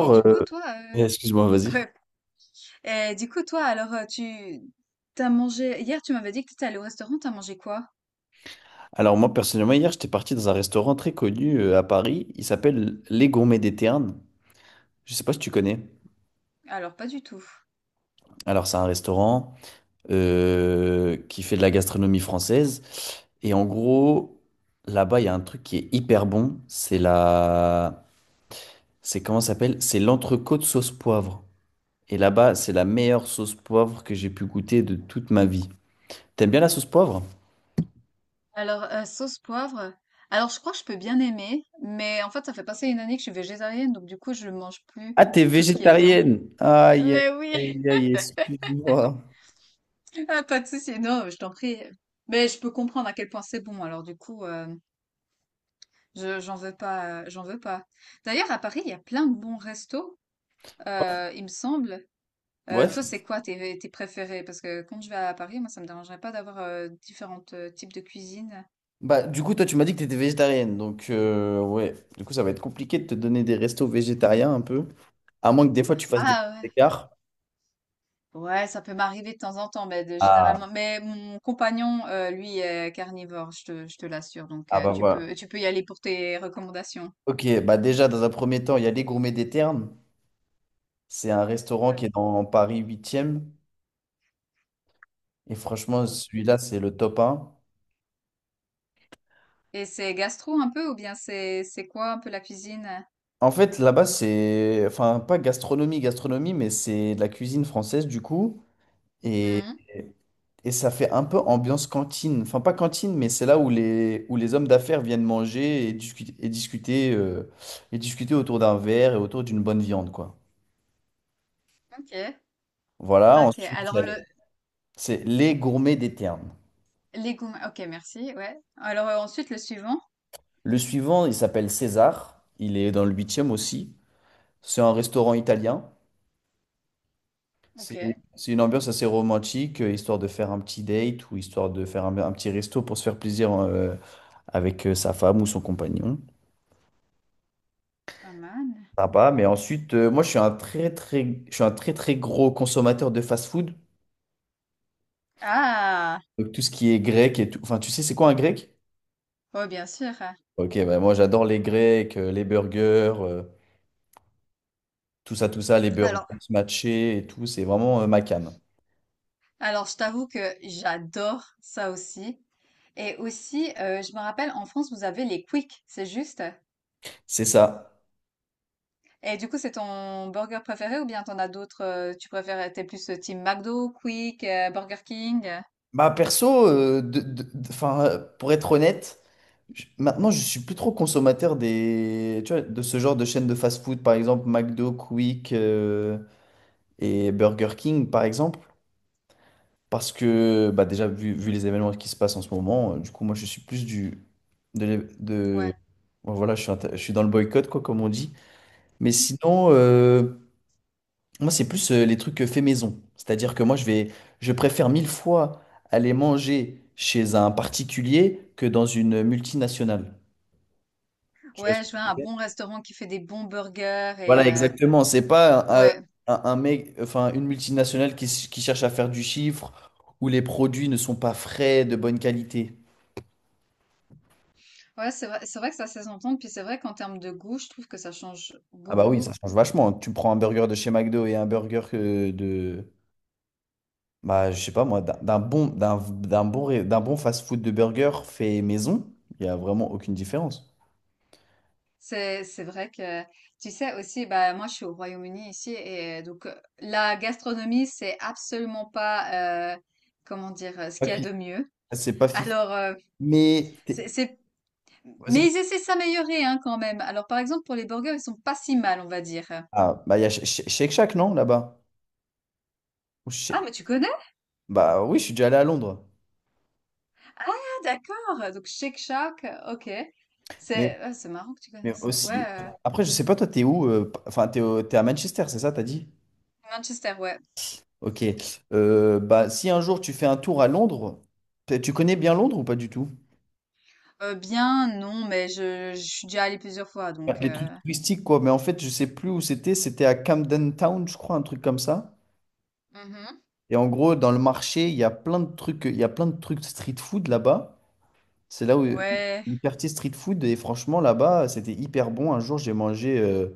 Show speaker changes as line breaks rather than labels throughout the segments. Et du coup, toi,
excuse-moi, vas-y.
ouais. Et du coup, toi, alors, tu t'as mangé hier, tu m'avais dit que t'étais allé au restaurant, t'as mangé quoi?
Alors moi, personnellement, hier, j'étais parti dans un restaurant très connu à Paris. Il s'appelle Les Gourmets des Ternes. Je sais pas si tu connais.
Alors, pas du tout.
Alors, c'est un restaurant qui fait de la gastronomie française. Et en gros, là-bas, il y a un truc qui est hyper bon. C'est la... C'est comment ça s'appelle? C'est l'entrecôte sauce poivre. Et là-bas, c'est la meilleure sauce poivre que j'ai pu goûter de toute ma vie. T'aimes bien la sauce poivre?
Sauce poivre. Alors, je crois que je peux bien aimer, mais en fait, ça fait passer une année que je suis végétarienne, donc du coup, je ne mange plus
Ah, t'es
tout ce qui est viande.
végétarienne. Aïe, aïe,
Mais oui,
aïe, aïe, excuse-moi.
ah, pas de souci. Non, je t'en prie. Mais je peux comprendre à quel point c'est bon. Alors, du coup, j'en veux pas, j'en veux pas. D'ailleurs, à Paris, il y a plein de bons restos, il me semble.
Ouais.
Euh, toi, c'est quoi tes, tes préférés? Parce que quand je vais à Paris, moi, ça me dérangerait pas d'avoir différents types de cuisine.
Bah, du coup, toi, tu m'as dit que t'étais végétarienne. Donc, ouais. Du coup, ça va être compliqué de te donner des restos végétariens un peu. À moins que des fois, tu fasses des petits
Ah
écarts.
ouais. Ouais, ça peut m'arriver de temps en temps, mais
Ah,
généralement. Mais mon compagnon, lui, est carnivore, je te l'assure. Donc,
ah bah voilà.
tu peux y aller pour tes recommandations.
Ok, bah déjà, dans un premier temps, il y a les Gourmets des Ternes. C'est un restaurant
Ah,
qui est dans Paris huitième. Et franchement,
ok.
celui-là, c'est le top 1.
Et c'est gastro un peu, ou bien c'est quoi un peu la cuisine?
En fait, là-bas, c'est... Enfin, pas gastronomie, gastronomie, mais c'est de la cuisine française, du coup. Et,
Mhm.
et ça fait un peu ambiance cantine. Enfin, pas cantine, mais c'est là où les hommes d'affaires viennent manger et discuter, et discuter, et discuter autour d'un verre et autour d'une bonne viande, quoi.
Ok.
Voilà,
Ok.
ensuite, il y
Alors,
a
le
c'est les gourmets des Ternes.
légumes. Ok, merci. Ouais. Alors, ensuite, le suivant.
Le suivant, il s'appelle César. Il est dans le huitième aussi. C'est un restaurant italien.
Ok.
C'est c'est une ambiance assez romantique, histoire de faire un petit date ou histoire de faire un petit resto pour se faire plaisir avec sa femme ou son compagnon.
Pas mal.
Sympa. Mais ensuite, moi, je suis un très, très gros consommateur de fast-food.
Ah!
Donc, tout ce qui est grec et tout. Enfin, tu sais, c'est quoi un grec?
Oh, bien sûr.
Ok, bah, moi, j'adore les grecs, les burgers, tout ça, les burgers
Alors,
matchés et tout. C'est vraiment ma came.
alors, je t'avoue que j'adore ça aussi. Et aussi, je me rappelle, en France, vous avez les Quick, c'est juste?
C'est ça.
Et du coup, c'est ton burger préféré ou bien t'en as d'autres, t'es plus team McDo, Quick, Burger King?
Bah, perso, 'fin, pour être honnête, maintenant, je suis plus trop consommateur des, tu vois, de ce genre de chaînes de fast-food, par exemple, McDo, Quick, et Burger King, par exemple. Parce que bah déjà, vu les événements qui se passent en ce moment, du coup, moi, je suis plus du... De, l'é- de-
Ouais.
bon, voilà, je suis dans le boycott, quoi, comme on dit. Mais sinon, moi, c'est plus les trucs faits maison. C'est-à-dire que moi, je préfère mille fois aller manger chez un particulier que dans une multinationale. Tu vois ce
Ouais,
que
je veux
je veux
un
dire.
bon restaurant qui fait des bons burgers et,
Voilà, exactement. C'est pas un,
ouais.
un mec, enfin, une multinationale qui cherche à faire du chiffre, où les produits ne sont pas frais, de bonne qualité.
Ouais, c'est vrai que ça s'est s'entendre. Puis c'est vrai qu'en termes de goût, je trouve que ça change
Ah bah oui,
beaucoup.
ça change vachement. Tu prends un burger de chez McDo et un burger que de... Bah, je sais pas moi, d'un bon, d'un bon fast-food de burger fait maison, il y a vraiment aucune différence.
C'est vrai que tu sais aussi bah moi je suis au Royaume-Uni ici et donc la gastronomie c'est absolument pas comment dire ce
Pas
qu'il y a
fif.
de mieux.
C'est pas fif.
Alors euh,
Mais...
c'est c'est-
Vas-y,
mais
écoute.
ils essaient de s'améliorer hein, quand même. Alors par exemple pour les burgers ils sont pas si mal on va dire.
Ah, bah il y a Shake Shack, non, là-bas? Ou Sh-
Ah mais tu connais?
Bah oui, je suis déjà allé à Londres.
Ah d'accord. Donc Shake Shack, ok.
Mais,
C'est marrant que tu
mais
connaisses ça. Ouais
aussi...
euh,
Après, je sais pas, toi, t'es où? Enfin, t'es à Manchester, c'est ça, t'as dit?
Manchester ouais.
Ok. Bah, si un jour tu fais un tour à Londres, tu connais bien Londres ou pas du tout?
Bien non, mais je suis déjà allée plusieurs fois
Ouais,
donc
les trucs touristiques, quoi. Mais en fait, je sais plus où c'était. C'était à Camden Town, je crois, un truc comme ça.
Mhm.
Et en gros, dans le marché, il y a plein de trucs street food là-bas. C'est là où le
ouais.
quartier street food. Et franchement, là-bas, c'était hyper bon. Un jour, j'ai mangé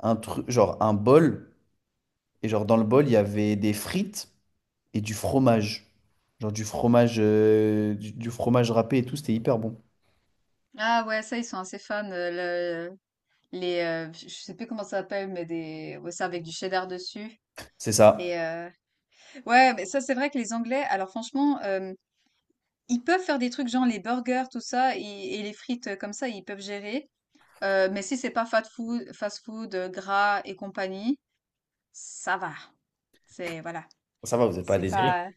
un truc, genre un bol. Et genre, dans le bol, il y avait des frites et du fromage. Genre du fromage, du fromage râpé et tout. C'était hyper bon.
Ah ouais, ça, ils sont assez fans. Le- les, je sais plus comment ça s'appelle, mais des, ouais, ça avec du cheddar dessus.
C'est ça.
Et ouais, mais ça, c'est vrai que les Anglais, alors franchement, ils peuvent faire des trucs genre les burgers, tout ça, et les frites comme ça, ils peuvent gérer. Mais si c'est pas fast food, fast food, gras et compagnie, ça va. C'est, voilà.
Ça va, vous n'êtes pas
C'est
désiré.
pas,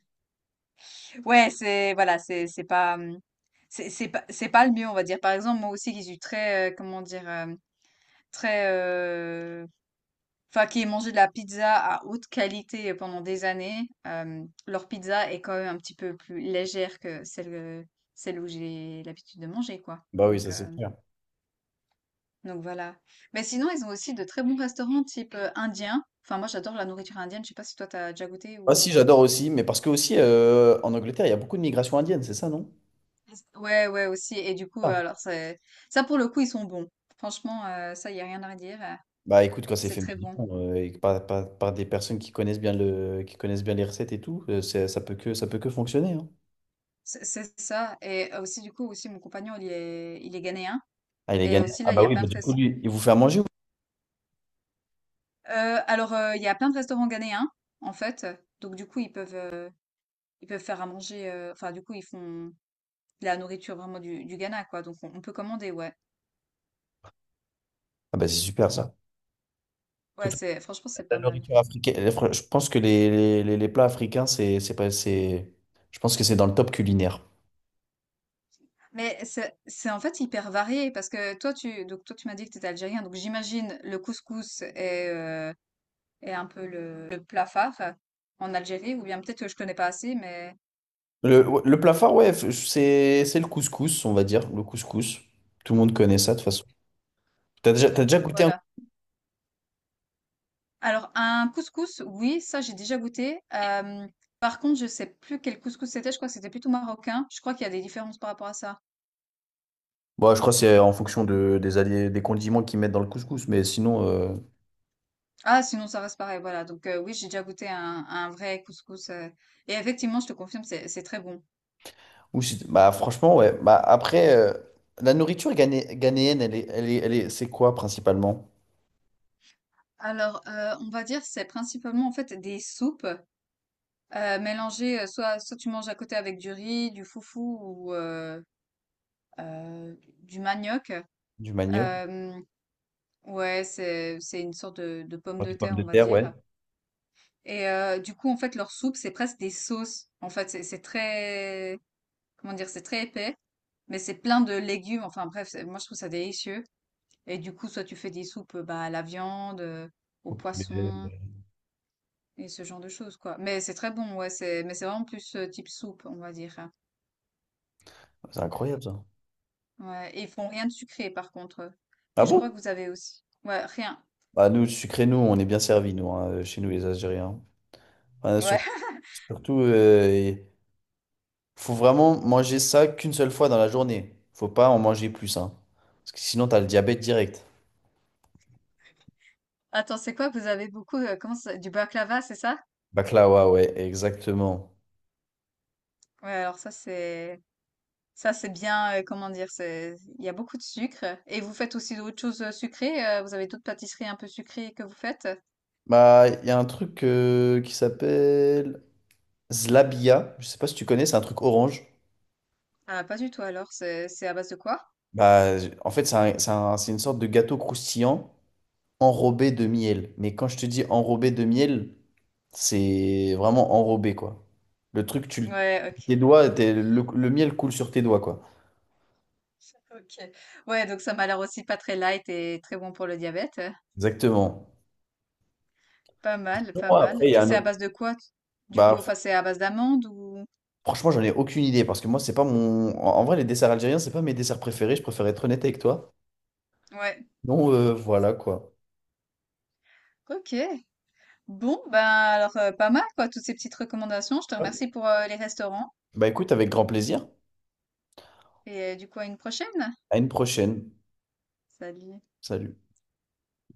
ouais, c'est, voilà, c'est pas le mieux, on va dire. Par exemple, moi aussi, qui suis très, comment dire, très, Enfin, qui ai mangé de la pizza à haute qualité pendant des années, leur pizza est quand même un petit peu plus légère que celle où j'ai l'habitude de manger, quoi.
Bah oui, ça c'est clair.
Donc voilà. Mais sinon, ils ont aussi de très bons restaurants type indien. Enfin, moi, j'adore la nourriture indienne. Je sais pas si toi, t'as déjà goûté
Ah si,
ou...
j'adore aussi, mais parce que aussi en Angleterre, il y a beaucoup de migration indienne, c'est ça, non?
Ouais, ouais, aussi. Et du coup,
Ah.
alors, c'est... ça, pour le coup, ils sont bons. Franchement, ça, il y a rien à redire.
Bah écoute, quand c'est
C'est
fait
très bon.
maison, et que par des personnes qui connaissent bien le, qui connaissent bien les recettes et tout, ça peut que fonctionner, hein.
C'est ça. Et aussi, du coup, aussi, mon compagnon, il est ghanéen.
Ah, il est
Et
gagné.
aussi,
Ah
là, il y
bah
a
oui,
plein
bah,
de,
du coup, lui, il vous fait à manger ou
Il y a plein de restaurants ghanéens, en fait, donc du coup, ils peuvent faire à manger, du coup, ils font de la nourriture vraiment du Ghana, quoi, donc on peut commander, ouais.
Ah bah c'est super ça.
Ouais,
Surtout
c'est franchement, c'est
la
pas mal.
nourriture africaine. Les fr- Je pense que les plats africains, c'est pas, c'est, je pense que c'est dans le top culinaire.
Mais en fait, hyper varié parce que toi, tu m'as dit que tu étais algérien, donc j'imagine le couscous est, est un peu le plat phare en Algérie ou bien peut-être que je connais pas assez, mais
Le, ouais, le plat phare, ouais, c'est le couscous, on va dire, le couscous. Tout le monde connaît ça de toute
mmh,
façon. T'as déjà goûté?
voilà. Alors un couscous, oui, ça j'ai déjà goûté. Par contre, je sais plus quel couscous c'était, je crois que c'était plutôt marocain. Je crois qu'il y a des différences par rapport à ça.
Bon, je crois que c'est en fonction de, des, alliés, des condiments qu'ils mettent dans le couscous, mais sinon,
Ah sinon ça reste pareil, voilà. Donc oui, j'ai déjà goûté un vrai couscous, et effectivement, je te confirme, c'est très bon.
ou si- bah, franchement, ouais. Bah, après, la nourriture ghané- ghanéenne, elle est, c'est quoi principalement?
Alors, on va dire c'est principalement en fait des soupes, mélangées, soit tu manges à côté avec du riz, du foufou ou heu, du manioc.
Du manioc,
Hem, ouais, c'est une sorte de pomme de
des pommes
terre,
de
on va
terre, ouais.
dire. Et du coup, en fait, leur soupe, c'est presque des sauces. En fait, c'est très, comment dire, c'est très épais, mais c'est plein de légumes. Enfin bref, moi je trouve ça délicieux. Et du coup, soit tu fais des soupes bah, à la viande, au
Au poulet,
poisson et ce genre de choses, quoi. Mais c'est très bon, ouais. C'est, mais c'est vraiment plus type soupe, on va dire. Hein.
c'est incroyable ça.
Ouais. Et ils font rien de sucré, par contre.
Ah
Vous, je crois
bon?
que vous avez aussi. Ouais, rien.
Bah, nous, sucrés, nous, on est bien servis, nous, hein, chez nous, les Algériens. Enfin,
Ouais.
surtout, surtout faut vraiment manger ça qu'une seule fois dans la journée. Faut pas en manger plus, hein. Parce que sinon, t'as le diabète direct.
Attends, c'est quoi? Que Vous avez beaucoup. Comment ça? Du baklava, c'est ça?
Baklawa, ouais, exactement.
Ouais. Alors ça, c'est. Ça, c'est bien, comment dire? C'est il y a beaucoup de sucre et vous faites aussi d'autres choses, sucrées, vous avez d'autres pâtisseries un peu sucrées que vous faites?
Bah, il y a un truc qui s'appelle Zlabia. Je sais pas si tu connais, c'est un truc orange.
Ah, pas du tout alors, c'est à base de quoi?
Bah, en fait, c'est une sorte de gâteau croustillant enrobé de miel. Mais quand je te dis enrobé de miel, c'est vraiment enrobé, quoi. Le truc, tu le-
Ouais, OK.
tes doigts, le miel coule sur tes doigts, quoi.
OK. Ouais, donc ça m'a l'air aussi pas très light et très bon pour le diabète. Hein.
Exactement.
Pas mal,
Sinon,
pas mal
après, il y
et
a un
c'est à
autre.
base de quoi, t du coup?
Bah,
Enfin, c'est à base d'amandes ou?
franchement, j'en ai aucune idée parce que moi, c'est pas mon. En en vrai, les desserts algériens, c'est pas mes desserts préférés. Je préfère être honnête avec toi.
Ouais.
Donc, voilà, quoi.
OK. Bon, ben, alors, pas mal quoi, toutes ces petites recommandations. Je te remercie pour, les restaurants
Bah écoute, avec grand plaisir.
et du coup, à une prochaine.
À une prochaine.
Salut.
Salut.